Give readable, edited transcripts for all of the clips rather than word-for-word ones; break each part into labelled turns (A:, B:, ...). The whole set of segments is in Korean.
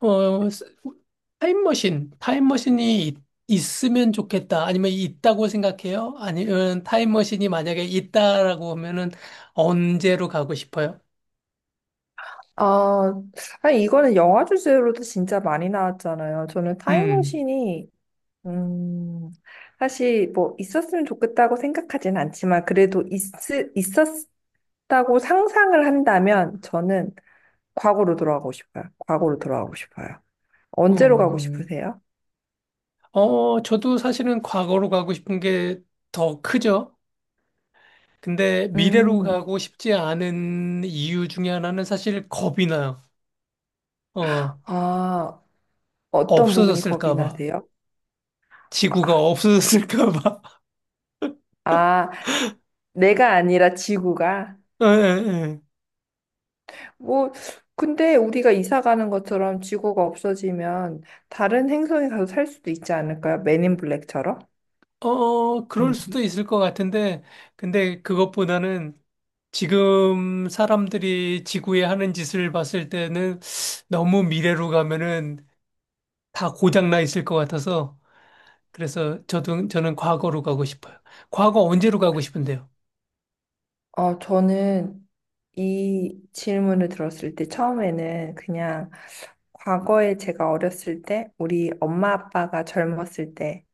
A: 어, 스- 타임머신, 있으면 좋겠다. 아니면 있다고 생각해요? 아니면 타임머신이 만약에 있다라고 하면은 언제로 가고 싶어요?
B: 아, 아니, 이거는 영화 주제로도 진짜 많이 나왔잖아요. 저는
A: 음,
B: 타임머신이, 음, 사실 뭐 있었으면 좋겠다고 생각하진 않지만, 있었다고 상상을 한다면, 저는 과거로 돌아가고 싶어요. 과거로 돌아가고 싶어요. 언제로 가고
A: 음.
B: 싶으세요?
A: 저도 사실은 과거로 가고 싶은 게 더 크죠. 근데 미래로
B: 음,
A: 가고 싶지 않은 이유 중에 하나는 사실 겁이 나요. 어,
B: 아, 어떤 부분이 겁이
A: 없어졌을까 봐.
B: 나세요?
A: 지구가
B: 아,
A: 없어졌을까 봐.
B: 아, 내가 아니라 지구가.
A: 예, 예, 예.
B: 뭐, 근데 우리가 이사 가는 것처럼 지구가 없어지면 다른 행성에 가서 살 수도 있지 않을까요? 맨인 블랙처럼?
A: 어, 그럴
B: 아니,
A: 수도 있을 것 같은데, 근데 그것보다는 지금 사람들이 지구에 하는 짓을 봤을 때는 너무 미래로 가면은 다 고장나 있을 것 같아서, 그래서 저도, 저는 과거로 가고 싶어요. 과거 언제로 가고 싶은데요?
B: 어, 저는 이 질문을 들었을 때 처음에는 그냥 과거에 제가 어렸을 때, 우리 엄마 아빠가 젊었을 때,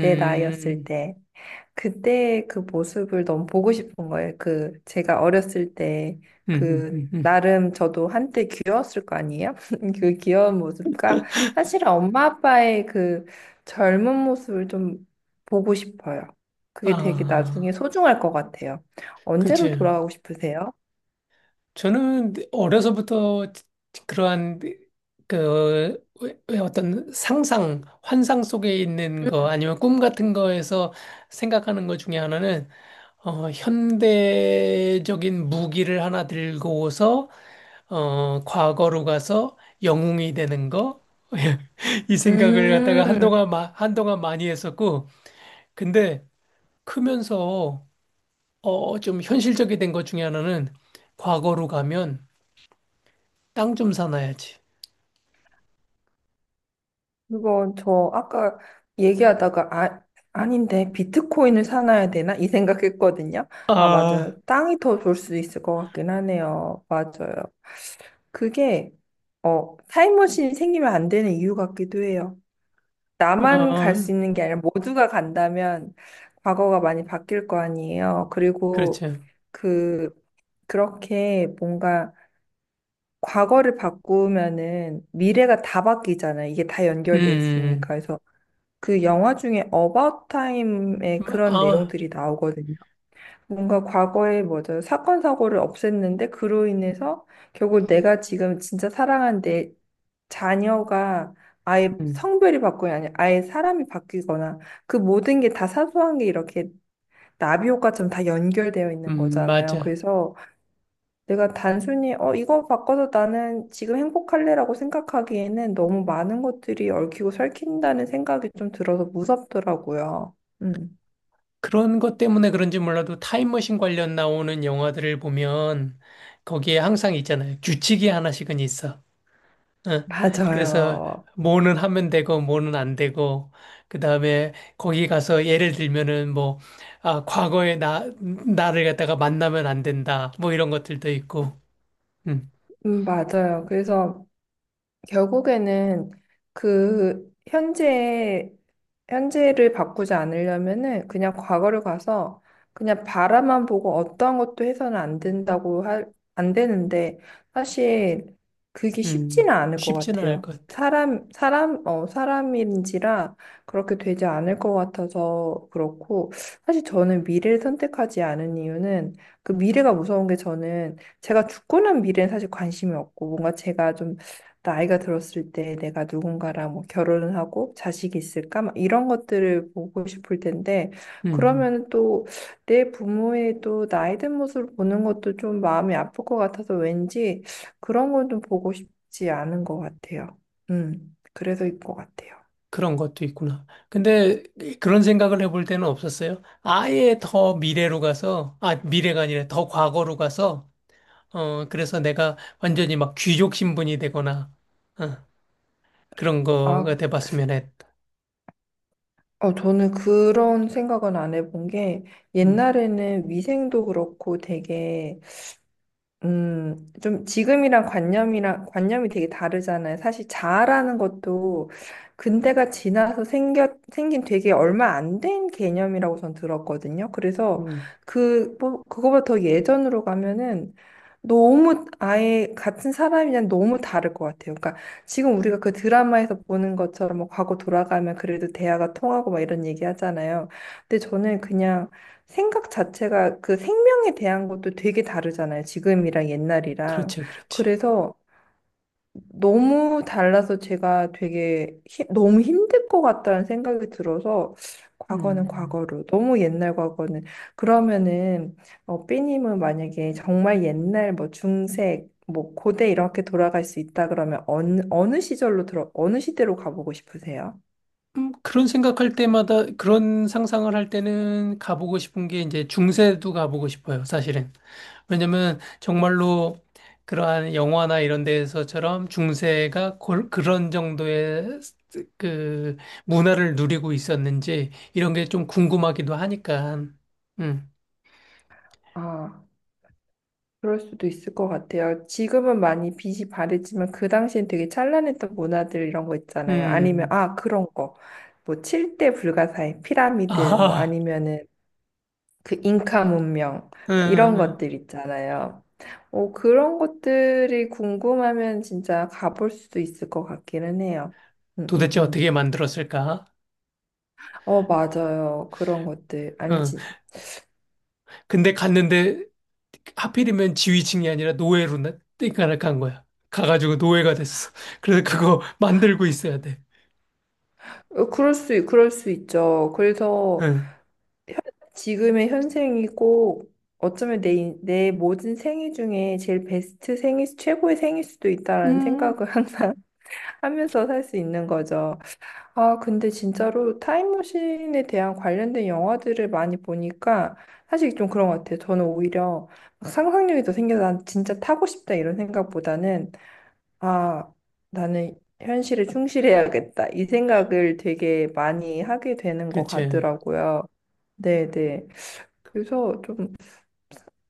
B: 내 나이였을 때, 그때 그 모습을 너무 보고 싶은 거예요. 그 제가 어렸을 때 그
A: 음.
B: 나름 저도 한때 귀여웠을 거 아니에요? 그 귀여운 모습과 사실은 엄마 아빠의 그 젊은 모습을 좀 보고 싶어요. 그게 되게 나중에
A: 아,
B: 소중할 것 같아요. 언제로
A: 그치.
B: 돌아가고 싶으세요?
A: 저는 어려서부터 그러한 그 왜 어떤 상상, 환상 속에 있는 거 아니면 꿈 같은 거에서 생각하는 것 중에 하나는 현대적인 무기를 하나 들고서 과거로 가서 영웅이 되는 거. 이 생각을 갖다가
B: 음.
A: 한동안 많이 했었고, 근데 크면서, 좀 현실적이 된 것 중에 하나는 과거로 가면 땅 좀 사놔야지.
B: 그거 저 아까 얘기하다가 아, 아닌데 비트코인을 사놔야 되나? 이 생각했거든요. 아,
A: 아,
B: 맞아요. 땅이 더 좋을 수 있을 것 같긴 하네요. 맞아요. 그게 어, 타임머신이 생기면 안 되는 이유 같기도 해요. 나만 갈
A: 어,
B: 수 있는 게 아니라 모두가 간다면 과거가 많이 바뀔 거 아니에요. 그리고
A: 그렇죠.
B: 그 그렇게 뭔가 과거를 바꾸면은 미래가 다 바뀌잖아요. 이게 다
A: 음,
B: 연결돼 있으니까.
A: 음,
B: 그래서 그 영화 중에 About Time에
A: 마-
B: 그런
A: 아,
B: 내용들이 나오거든요. 뭔가 과거에 뭐죠? 사건 사고를 없앴는데 그로 인해서 결국 내가 지금 진짜 사랑한 내 자녀가 아예
A: 음,
B: 성별이 바뀌거나 아니 아예 사람이 바뀌거나 그 모든 게 다 사소한 게 이렇게 나비 효과처럼 다 연결되어
A: 음,
B: 있는 거잖아요.
A: 맞아.
B: 그래서 내가 단순히 어 이거 바꿔서 나는 지금 행복할래라고 생각하기에는 너무 많은 것들이 얽히고 설킨다는 생각이 좀 들어서 무섭더라고요. 음,
A: 그런 것 때문에 그런지 몰라도 타임머신 관련 나오는 영화들을 보면 거기에 항상 있잖아요. 규칙이 하나씩은 있어. 어, 그래서
B: 맞아요.
A: 뭐는 하면 되고 뭐는 안 되고 그다음에 거기 가서 예를 들면은 뭐 아, 과거에 나 나를 갖다가 만나면 안 된다. 뭐 이런 것들도 있고. 음,
B: 맞아요. 그래서 결국에는 그 현재를 바꾸지 않으려면은 그냥 과거를 가서 그냥 바라만 보고 어떠한 것도 해서는 안 된다고 할, 안 되는데 사실 그게 쉽지는 않을 것
A: 쉽지는 않을
B: 같아요.
A: 것 같아.
B: 사람 어 사람인지라 그렇게 되지 않을 것 같아서 그렇고 사실 저는 미래를 선택하지 않은 이유는 그 미래가 무서운 게 저는 제가 죽고 난 미래는 사실 관심이 없고 뭔가 제가 좀 나이가 들었을 때 내가 누군가랑 뭐 결혼을 하고 자식이 있을까? 막 이런 것들을 보고 싶을 텐데,
A: 음,
B: 그러면 또 내 부모의 또 나이 든 모습을 보는 것도 좀 마음이 아플 것 같아서 왠지 그런 건 좀 보고 싶지 않은 것 같아요. 그래서일 것 같아요.
A: 그런 것도 있구나. 근데 그런 생각을 해볼 때는 없었어요. 아예 더 미래로 가서, 아, 미래가 아니라 더 과거로 가서, 그래서 내가 완전히 막 귀족 신분이 되거나, 어, 그런 거가
B: 아,
A: 돼봤으면 했다.
B: 어, 저는 그런 생각은 안 해본 게,
A: 음,
B: 옛날에는 위생도 그렇고 되게 좀 지금이랑 관념이 되게 다르잖아요. 사실 자아라는 것도 근대가 지나서 생긴 되게 얼마 안 된 개념이라고 전 들었거든요. 그래서
A: 음,
B: 그, 뭐, 그거보다 더 예전으로 가면은 너무 아예 같은 사람이랑 너무 다를 것 같아요. 그러니까 지금 우리가 그 드라마에서 보는 것처럼 뭐 과거 돌아가면 그래도 대화가 통하고 막 이런 얘기 하잖아요. 근데 저는 그냥 생각 자체가 그 생명에 대한 것도 되게 다르잖아요. 지금이랑 옛날이랑.
A: 그렇지, 그렇지.
B: 그래서 너무 달라서 제가 너무 힘들 것 같다는 생각이 들어서 과거는
A: 음.
B: 과거로, 너무 옛날 과거는. 그러면은 어, 삐님은 만약에 정말 옛날 뭐 중세, 뭐 고대 이렇게 돌아갈 수 있다 그러면 어느 시절로 어느 시대로 가보고 싶으세요?
A: 그런 생각할 때마다 그런 상상을 할 때는 가보고 싶은 게 이제 중세도 가보고 싶어요, 사실은. 왜냐면 정말로 그러한 영화나 이런 데에서처럼 그런 정도의 그 문화를 누리고 있었는지 이런 게 좀 궁금하기도 하니까. 음,
B: 아. 그럴 수도 있을 것 같아요. 지금은 많이 빛이 바랬지만 그 당시엔 되게 찬란했던 문화들 이런 거 있잖아요. 아니면
A: 음,
B: 아 그런 거. 뭐 칠대 불가사의 피라미드 뭐
A: 아,
B: 아니면은 그 잉카 문명
A: 음,
B: 이런
A: 음, 음.
B: 것들 있잖아요. 오 그런 것들이 궁금하면 진짜 가볼 수도 있을 것 같기는 해요. 음, 음,
A: 도대체 어떻게
B: 음.
A: 만들었을까?
B: 어, 맞아요. 그런 것들. 아니,
A: 응,
B: 진,
A: 근데 갔는데 하필이면 지위층이 아니라 노예로 나 땡깡을 간 거야. 가가지고 노예가 됐어. 그래서 그거 만들고 있어야 돼.
B: 그럴 수 있죠. 그래서
A: 응.
B: 지금의 현생이 꼭 어쩌면 내 모든 생애 중에 제일 최고의 생일 수도 있다라는 생각을
A: 음,
B: 항상 하면서 살 수 있는 거죠. 아, 근데 진짜로 타임머신에 대한 관련된 영화들을 많이 보니까 사실 좀 그런 것 같아요. 저는 오히려 막 상상력이 더 생겨서 난 진짜 타고 싶다 이런 생각보다는 아, 나는 현실에 충실해야겠다. 이 생각을 되게 많이 하게 되는 것
A: 그치.
B: 같더라고요. 네네. 그래서 좀,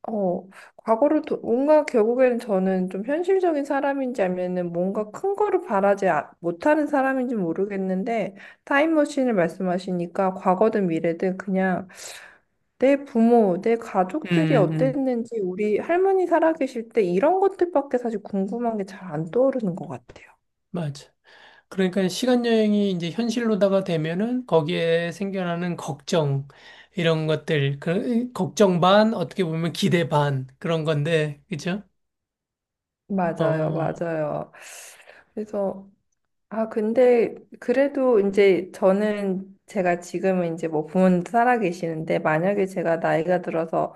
B: 어, 뭔가 결국에는 저는 좀 현실적인 사람인지 아니면은 뭔가 큰 거를 바라지 아- 못하는 사람인지 모르겠는데, 타임머신을 말씀하시니까 과거든 미래든 그냥 내 부모, 내 가족들이
A: 음.
B: 어땠는지, 우리 할머니 살아계실 때 이런 것들밖에 사실 궁금한 게 잘 안 떠오르는 것 같아요.
A: 맞아. 그러니까 시간 여행이 이제 현실로다가 되면은 거기에 생겨나는 걱정, 이런 것들, 그, 걱정 반, 어떻게 보면 기대 반, 그런 건데, 그죠?
B: 맞아요,
A: 어,
B: 맞아요. 그래서 아, 근데 그래도 이제 저는 제가 지금은 이제 뭐 부모님도 살아 계시는데 만약에 제가 나이가 들어서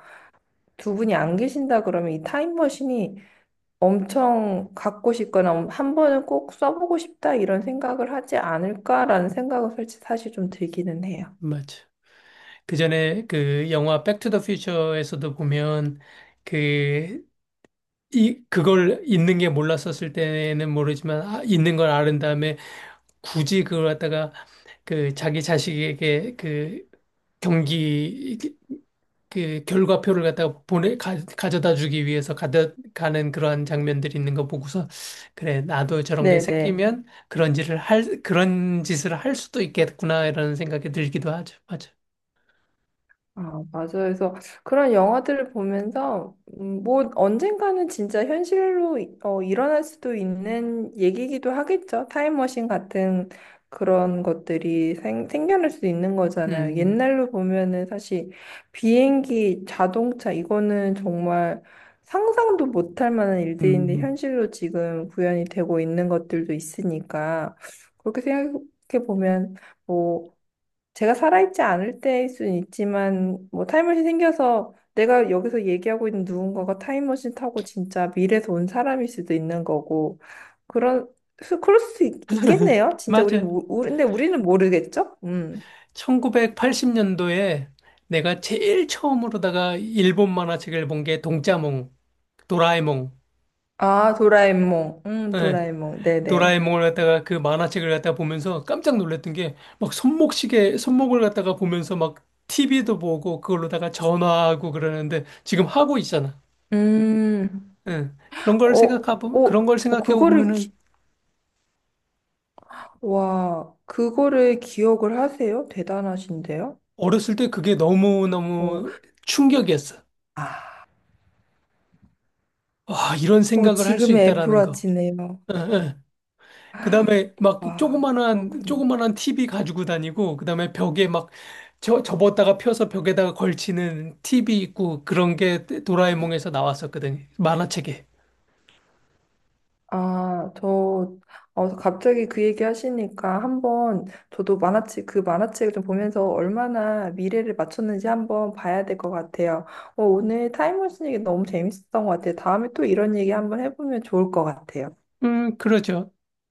B: 두 분이 안 계신다 그러면 이 타임머신이 엄청 갖고 싶거나 한 번은 꼭 써보고 싶다 이런 생각을 하지 않을까라는 생각은 솔직히 사실 좀 들기는 해요.
A: 맞아. 그 전에 그 영화 백 투 더 퓨처에서도 보면 그 이 그걸 있는 게 몰랐었을 때는 모르지만 아, 있는 걸 아는 다음에 굳이 그걸 갖다가 그 자기 자식에게 그 경기 그 결과표를 갖다가 보내 가, 져다 주기 위해서 가다, 가는 그러한 장면들이 있는 거 보고서 그래 나도 저런 게
B: 네네.
A: 생기면 그런 짓을 할 수도 있겠구나 이런 생각이 들기도 하죠. 맞아.
B: 아, 맞아요. 그래서 그런 영화들을 보면서, 뭐, 언젠가는 진짜 어, 일어날 수도 있는 얘기기도 하겠죠. 타임머신 같은 그런 것들이 생겨날 수도 있는 거잖아요.
A: 음.
B: 옛날로 보면은 사실 비행기, 자동차, 이거는 정말 상상도 못할 만한 일들인데
A: 음.
B: 현실로 지금 구현이 되고 있는 것들도 있으니까, 그렇게 생각해 보면, 뭐, 제가 살아있지 않을 때일 수는 있지만 뭐 타임머신 생겨서 내가 여기서 얘기하고 있는 누군가가 타임머신 타고 진짜 미래에서 온 사람일 수도 있는 거고 그런 있겠네요. 진짜
A: 맞아요.
B: 우리 근데 우리는 모르겠죠? 음.
A: 1980년도에 내가 제일 처음으로다가 일본 만화책을 본게 동짜몽, 도라에몽,
B: 아, 도라에몽.
A: 예,
B: 도라에몽. 네네.
A: 도라에몽을 갖다가 그 만화책을 갖다가 보면서 깜짝 놀랐던 게 막 손목시계, 손목을 갖다가 보면서 막 TV도 보고 그걸로다가 전화하고 그러는데 지금 하고 있잖아.
B: 음.
A: 예,
B: 어, 어,
A: 그런 걸
B: 어, 그거를
A: 생각해보면은
B: 기, 와, 그거를 기억을 하세요? 대단하신데요?
A: 어렸을 때 그게
B: 어,
A: 너무너무 충격이었어.
B: 아,
A: 와, 이런
B: 어,
A: 생각을 할 수
B: 지금의
A: 있다라는 거.
B: 애플워치네요.
A: 예, 예. 그다음에 막
B: 와, 그렇군요.
A: 조그만한 TV 가지고 다니고 그다음에 벽에 막 저, 접었다가 펴서 벽에다가 걸치는 TV 있고 그런 게 도라에몽에서 나왔었거든요. 만화책에.
B: 아, 저, 어, 갑자기 그 얘기 하시니까 한번 저도 만화책, 그 만화책을 좀 보면서 얼마나 미래를 맞췄는지 한번 봐야 될 것 같아요. 어, 오늘 타임머신 얘기 너무 재밌었던 것 같아요. 다음에 또 이런 얘기 한번 해보면 좋을 것 같아요.
A: 그렇죠.